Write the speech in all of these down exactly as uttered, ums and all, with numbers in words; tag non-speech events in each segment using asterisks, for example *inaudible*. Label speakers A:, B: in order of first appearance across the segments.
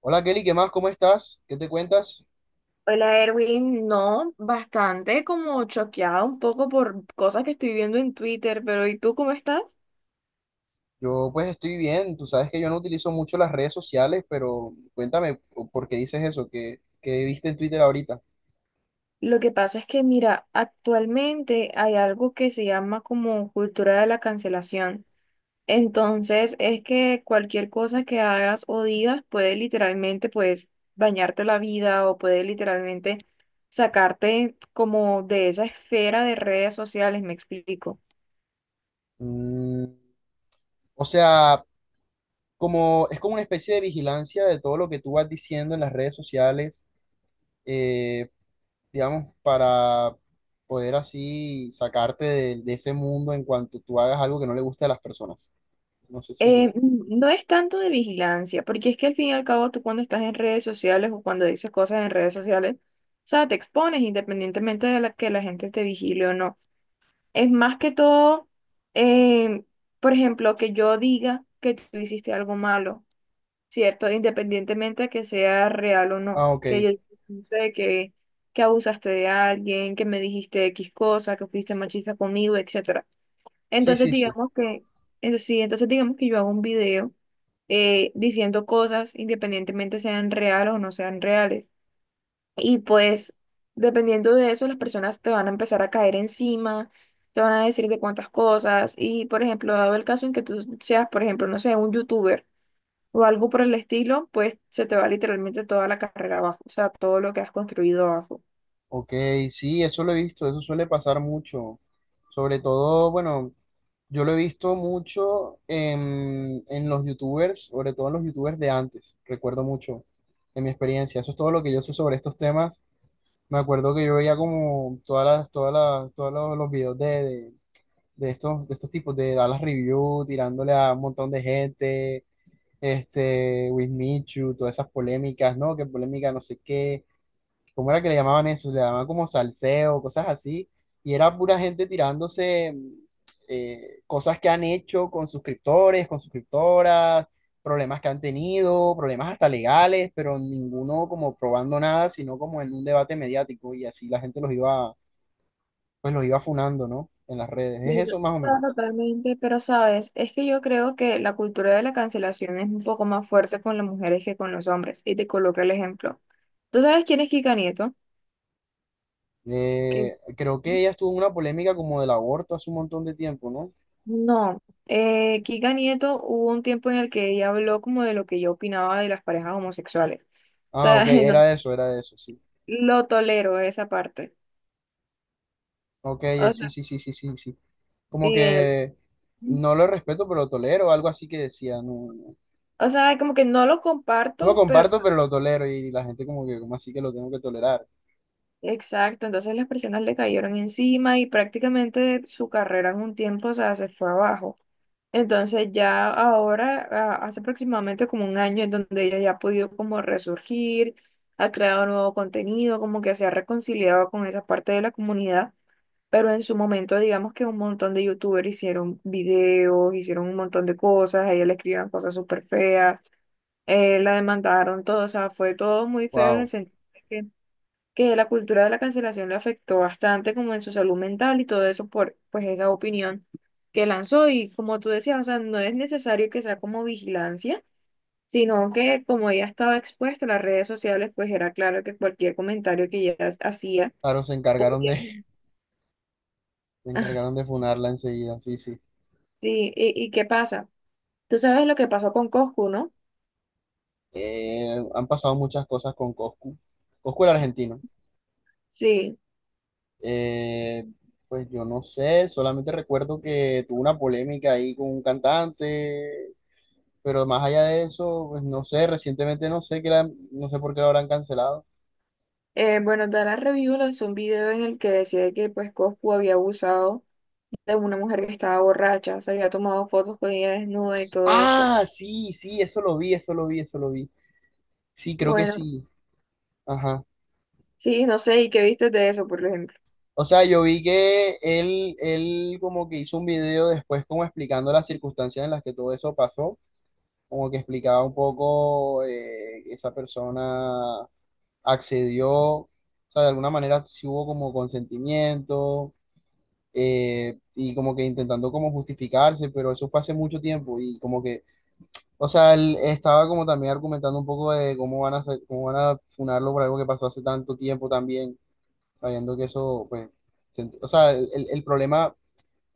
A: Hola Kelly, ¿qué más? ¿Cómo estás? ¿Qué te cuentas?
B: Hola Erwin, no, bastante como choqueada un poco por cosas que estoy viendo en Twitter, pero ¿y tú cómo estás?
A: Yo pues estoy bien, tú sabes que yo no utilizo mucho las redes sociales, pero cuéntame por qué dices eso, que, que viste en Twitter ahorita.
B: Lo que pasa es que, mira, actualmente hay algo que se llama como cultura de la cancelación. Entonces, es que cualquier cosa que hagas o digas puede literalmente, pues, dañarte la vida o puede literalmente sacarte como de esa esfera de redes sociales, me explico.
A: Mm, o sea, como es como una especie de vigilancia de todo lo que tú vas diciendo en las redes sociales, eh, digamos, para poder así sacarte de, de ese mundo en cuanto tú hagas algo que no le guste a las personas. No sé si lo...
B: Eh, mm, no es tanto de vigilancia, porque es que al fin y al cabo tú cuando estás en redes sociales o cuando dices cosas en redes sociales, o sea, te expones independientemente de la, que la gente te vigile o no. Es más que todo, eh, por ejemplo, que yo diga que tú hiciste algo malo, ¿cierto? Independientemente de que sea real o no,
A: Ah,
B: que
A: ok.
B: yo no sé que, que abusaste de alguien, que me dijiste X cosa, que fuiste machista conmigo, etcétera.
A: Sí,
B: Entonces
A: sí, sí.
B: digamos que, entonces, sí, entonces digamos que yo hago un video eh, diciendo cosas independientemente sean reales o no sean reales. Y pues dependiendo de eso, las personas te van a empezar a caer encima, te van a decir de cuántas cosas. Y por ejemplo, dado el caso en que tú seas, por ejemplo, no sé, un youtuber o algo por el estilo, pues se te va literalmente toda la carrera abajo, o sea, todo lo que has construido abajo.
A: Ok, sí, eso lo he visto, eso suele pasar mucho. Sobre todo, bueno, yo lo he visto mucho en, en los youtubers, sobre todo en los youtubers de antes, recuerdo mucho en mi experiencia. Eso es todo lo que yo sé sobre estos temas. Me acuerdo que yo veía como todas las, todas las, todos los, los videos de, de, de estos, de estos tipos de Dallas Review, tirándole a un montón de gente, este, Wismichu, todas esas polémicas, ¿no? Que polémica no sé qué, ¿cómo era que le llamaban eso? Le llamaban como salseo, cosas así, y era pura gente tirándose eh, cosas que han hecho con suscriptores, con suscriptoras, problemas que han tenido, problemas hasta legales, pero ninguno como probando nada, sino como en un debate mediático, y así la gente los iba, pues los iba funando, ¿no? En las redes, es
B: Sí, o
A: eso más o
B: sea,
A: menos.
B: totalmente, pero sabes, es que yo creo que la cultura de la cancelación es un poco más fuerte con las mujeres que con los hombres, y te coloco el ejemplo. ¿Tú sabes quién es Kika Nieto?
A: Eh,
B: Que
A: creo que ella estuvo en una polémica como del aborto hace un montón de tiempo, ¿no?
B: no, eh, Kika Nieto hubo un tiempo en el que ella habló como de lo que yo opinaba de las parejas homosexuales. O
A: Ah,
B: sea,
A: ok,
B: *laughs* no,
A: era eso, era eso, sí.
B: lo tolero esa parte.
A: Ok, eh,
B: O
A: sí,
B: sea,
A: sí, sí, sí, sí, sí. Como
B: sí, él.
A: que no lo respeto, pero lo tolero, algo así que decía, no, no,
B: O sea, como que no lo
A: no lo
B: comparto, pero
A: comparto, pero lo tolero y la gente como que, ¿cómo así que lo tengo que tolerar?
B: exacto, entonces las personas le cayeron encima y prácticamente su carrera en un tiempo, o sea, se fue abajo. Entonces ya ahora, a- hace aproximadamente como un año, en donde ella ya ha podido como resurgir, ha creado nuevo contenido, como que se ha reconciliado con esa parte de la comunidad, pero en su momento digamos que un montón de youtubers hicieron videos, hicieron un montón de cosas, a ella le escribían cosas súper feas, eh, la demandaron todo, o sea, fue todo muy feo en el
A: Wow.
B: sentido que la cultura de la cancelación le afectó bastante como en su salud mental y todo eso por pues esa opinión que lanzó y como tú decías, o sea, no es necesario que sea como vigilancia, sino que como ella estaba expuesta a las redes sociales, pues era claro que cualquier comentario que ella hacía
A: Claro, se encargaron
B: podía...
A: de,
B: *laughs*
A: *laughs* se
B: Ah,
A: encargaron de funarla enseguida, sí, sí.
B: sí, ¿y, y qué pasa? Tú sabes lo que pasó con Coscu, ¿no?
A: Eh, han pasado muchas cosas con Coscu. Coscu el argentino.
B: Sí.
A: Eh, pues yo no sé, solamente recuerdo que tuvo una polémica ahí con un cantante, pero más allá de eso, pues no sé, recientemente no sé qué la- no sé por qué lo habrán cancelado.
B: Eh, bueno, Dara Review lanzó un video en el que decía que pues Coscu había abusado de una mujer que estaba borracha, se había tomado fotos con ella desnuda y todo esto.
A: Ah, sí, sí, eso lo vi, eso lo vi, eso lo vi. Sí, creo que
B: Bueno,
A: sí. Ajá.
B: sí, no sé, ¿y qué viste de eso, por ejemplo?
A: O sea, yo vi que él, él como que hizo un video después como explicando las circunstancias en las que todo eso pasó, como que explicaba un poco eh, esa persona accedió, o sea, de alguna manera sí hubo como consentimiento eh, y como que intentando como justificarse, pero eso fue hace mucho tiempo y como que... O sea, él estaba como también argumentando un poco de cómo van a hacer- cómo van a funarlo por algo que pasó hace tanto tiempo también, sabiendo que eso, pues, se ent- o sea, el, el- el problema,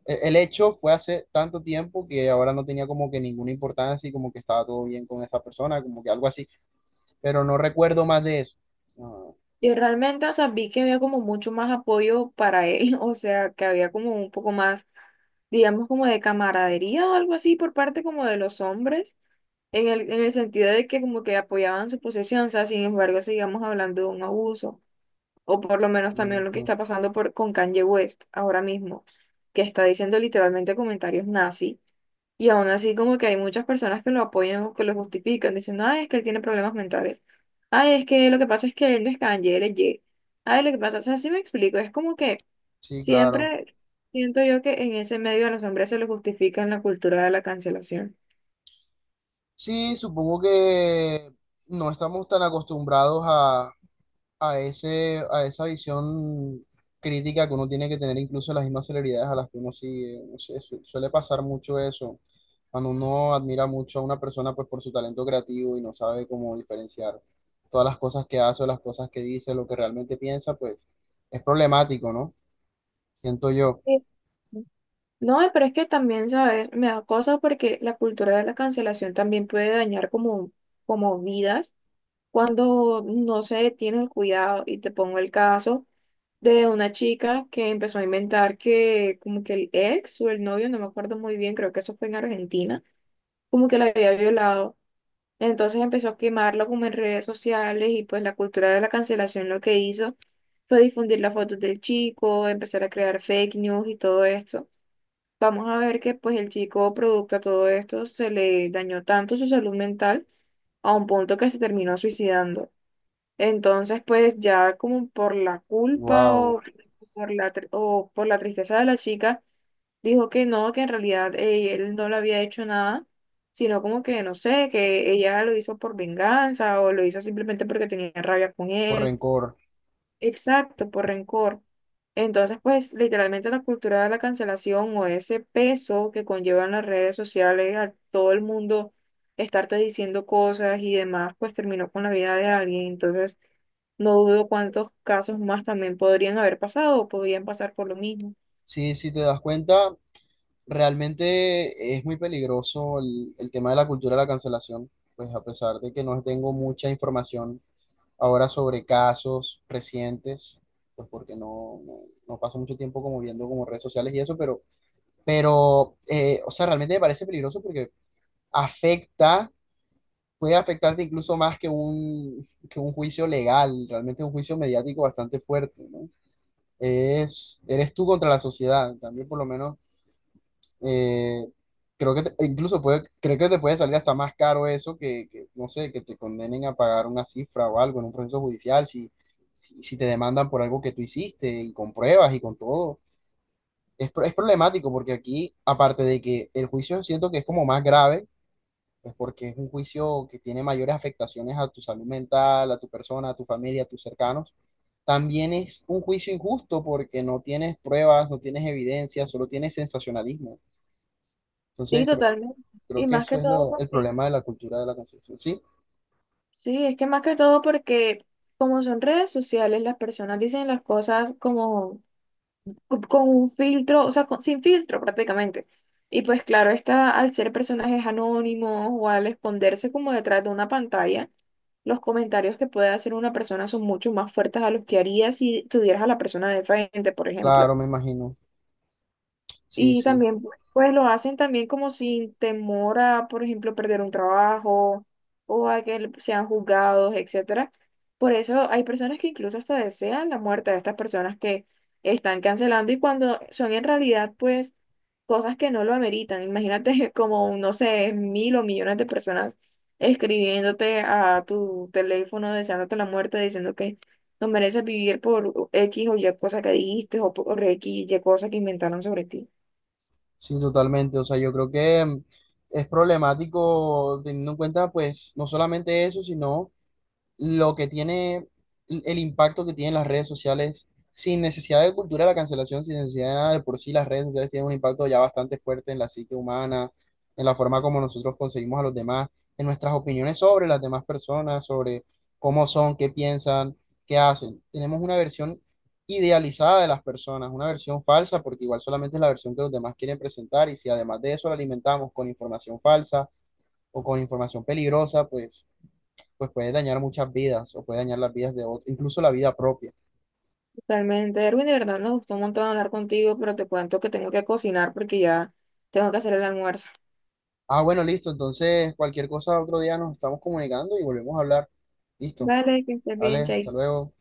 A: el, el hecho fue hace tanto tiempo que ahora no tenía como que ninguna importancia y como que estaba todo bien con esa persona, como que algo así, pero no recuerdo más de eso. Ah,
B: Y realmente, o sea, vi que había como mucho más apoyo para él, *laughs* o sea, que había como un poco más, digamos, como de camaradería o algo así por parte como de los hombres, en el, en el sentido de que como que apoyaban su posesión, o sea, sin embargo, sigamos hablando de un abuso, o por lo menos también lo que
A: ujú.
B: está pasando por, con Kanye West ahora mismo, que está diciendo literalmente comentarios nazi. Y aún así como que hay muchas personas que lo apoyan o que lo justifican, diciendo, ay, es que él tiene problemas mentales. Ay, es que lo que pasa es que él no es canje, él es ye. Ay, lo que pasa, o sea, sí me explico, es como que
A: Sí, claro.
B: siempre siento yo que en ese medio a los hombres se les justifica en la cultura de la cancelación.
A: Sí, supongo que no estamos tan acostumbrados a ese, a esa visión crítica que uno tiene que tener incluso las mismas celebridades a las que uno sigue. No sé, su- suele pasar mucho eso. Cuando uno admira mucho a una persona pues por su talento creativo y no sabe cómo diferenciar todas las cosas que hace o las cosas que dice, lo que realmente piensa, pues es problemático, ¿no? Siento yo.
B: Sí. No, pero es que también, ¿sabes? Me da cosa porque la cultura de la cancelación también puede dañar como, como vidas cuando no se tiene el cuidado y te pongo el caso de una chica que empezó a inventar que como que el ex o el novio, no me acuerdo muy bien, creo que eso fue en Argentina, como que la había violado. Entonces empezó a quemarlo como en redes sociales y pues la cultura de la cancelación lo que hizo fue difundir las fotos del chico, empezar a crear fake news y todo esto. Vamos a ver que pues el chico, producto a todo esto, se le dañó tanto su salud mental a un punto que se terminó suicidando. Entonces, pues ya como por la culpa
A: Wow,
B: o por la, tr- o por la tristeza de la chica, dijo que no, que en realidad eh, él no le había hecho nada, sino como que, no sé, que ella lo hizo por venganza o lo hizo simplemente porque tenía rabia con
A: por
B: él.
A: rencor.
B: Exacto, por rencor. Entonces, pues literalmente la cultura de la cancelación o ese peso que conllevan las redes sociales, a todo el mundo estarte diciendo cosas y demás, pues terminó con la vida de alguien. Entonces, no dudo cuántos casos más también podrían haber pasado o podrían pasar por lo mismo.
A: Sí, si te das cuenta, realmente es muy peligroso el, el tema de la cultura de la cancelación, pues a pesar de que no tengo mucha información ahora sobre casos recientes, pues porque no, no, no paso mucho tiempo como viendo como redes sociales y eso, pero, pero eh, o sea, realmente me parece peligroso porque afecta, puede afectarte incluso más que un, que un, juicio legal, realmente un juicio mediático bastante fuerte, ¿no? Es, eres tú contra la sociedad, también por lo menos eh, creo que te- incluso puede, creo que te puede salir hasta más caro eso que, que, no sé, que te condenen a pagar una cifra o algo en un proceso judicial, si, si, si te demandan por algo que tú hiciste y con pruebas y con todo. Es, pro- es problemático porque aquí, aparte de que el juicio siento que es como más grave, pues porque es un juicio que tiene mayores afectaciones a tu salud mental, a tu persona, a tu familia, a tus cercanos. También es un juicio injusto porque no tienes pruebas, no tienes evidencia, solo tienes sensacionalismo.
B: Sí,
A: Entonces, creo-
B: totalmente.
A: Creo
B: Y
A: que
B: más
A: eso
B: que
A: es
B: todo
A: lo, el
B: porque,
A: problema de la cultura de la cancelación. Sí,
B: sí, es que más que todo porque como son redes sociales, las personas dicen las cosas como con un filtro, o sea, con- sin filtro prácticamente. Y pues claro, está, al ser personajes anónimos o al esconderse como detrás de una pantalla, los comentarios que puede hacer una persona son mucho más fuertes a los que haría si tuvieras a la persona de frente, por ejemplo.
A: claro, me imagino. Sí,
B: Y
A: sí,
B: también, pues lo hacen también como sin temor a, por ejemplo, perder un trabajo o a que le- sean juzgados, etcétera. Por eso hay personas que incluso hasta desean la muerte de estas personas que están cancelando y cuando son en realidad, pues, cosas que no lo ameritan. Imagínate *laughs* como, no sé, mil o millones de personas escribiéndote a tu teléfono, deseándote la muerte, diciendo que no mereces vivir por X o Y cosa que dijiste o por X y Y cosa que inventaron sobre ti.
A: sí, totalmente. O sea, yo creo que mm, es problemático teniendo en cuenta, pues, no solamente eso, sino lo que tiene, el impacto que tienen las redes sociales, sin necesidad de cultura de la cancelación, sin necesidad de nada, de por sí las redes sociales tienen un impacto ya bastante fuerte en la psique humana, en la forma como nosotros conseguimos a los demás, en nuestras opiniones sobre las demás personas, sobre cómo son, qué piensan, qué hacen. Tenemos una versión idealizada de las personas, una versión falsa, porque igual solamente es la versión que los demás quieren presentar, y si además de eso la alimentamos con información falsa o con información peligrosa, pues pues puede dañar muchas vidas o puede dañar las vidas de otros, incluso la vida propia.
B: Totalmente, Erwin, de verdad me gustó un montón hablar contigo, pero te cuento que tengo que cocinar porque ya tengo que hacer el almuerzo.
A: Ah, bueno, listo. Entonces, cualquier cosa otro día nos estamos comunicando y volvemos a hablar. Listo.
B: Vale que estés
A: Vale,
B: bien,
A: hasta
B: Chay.
A: luego.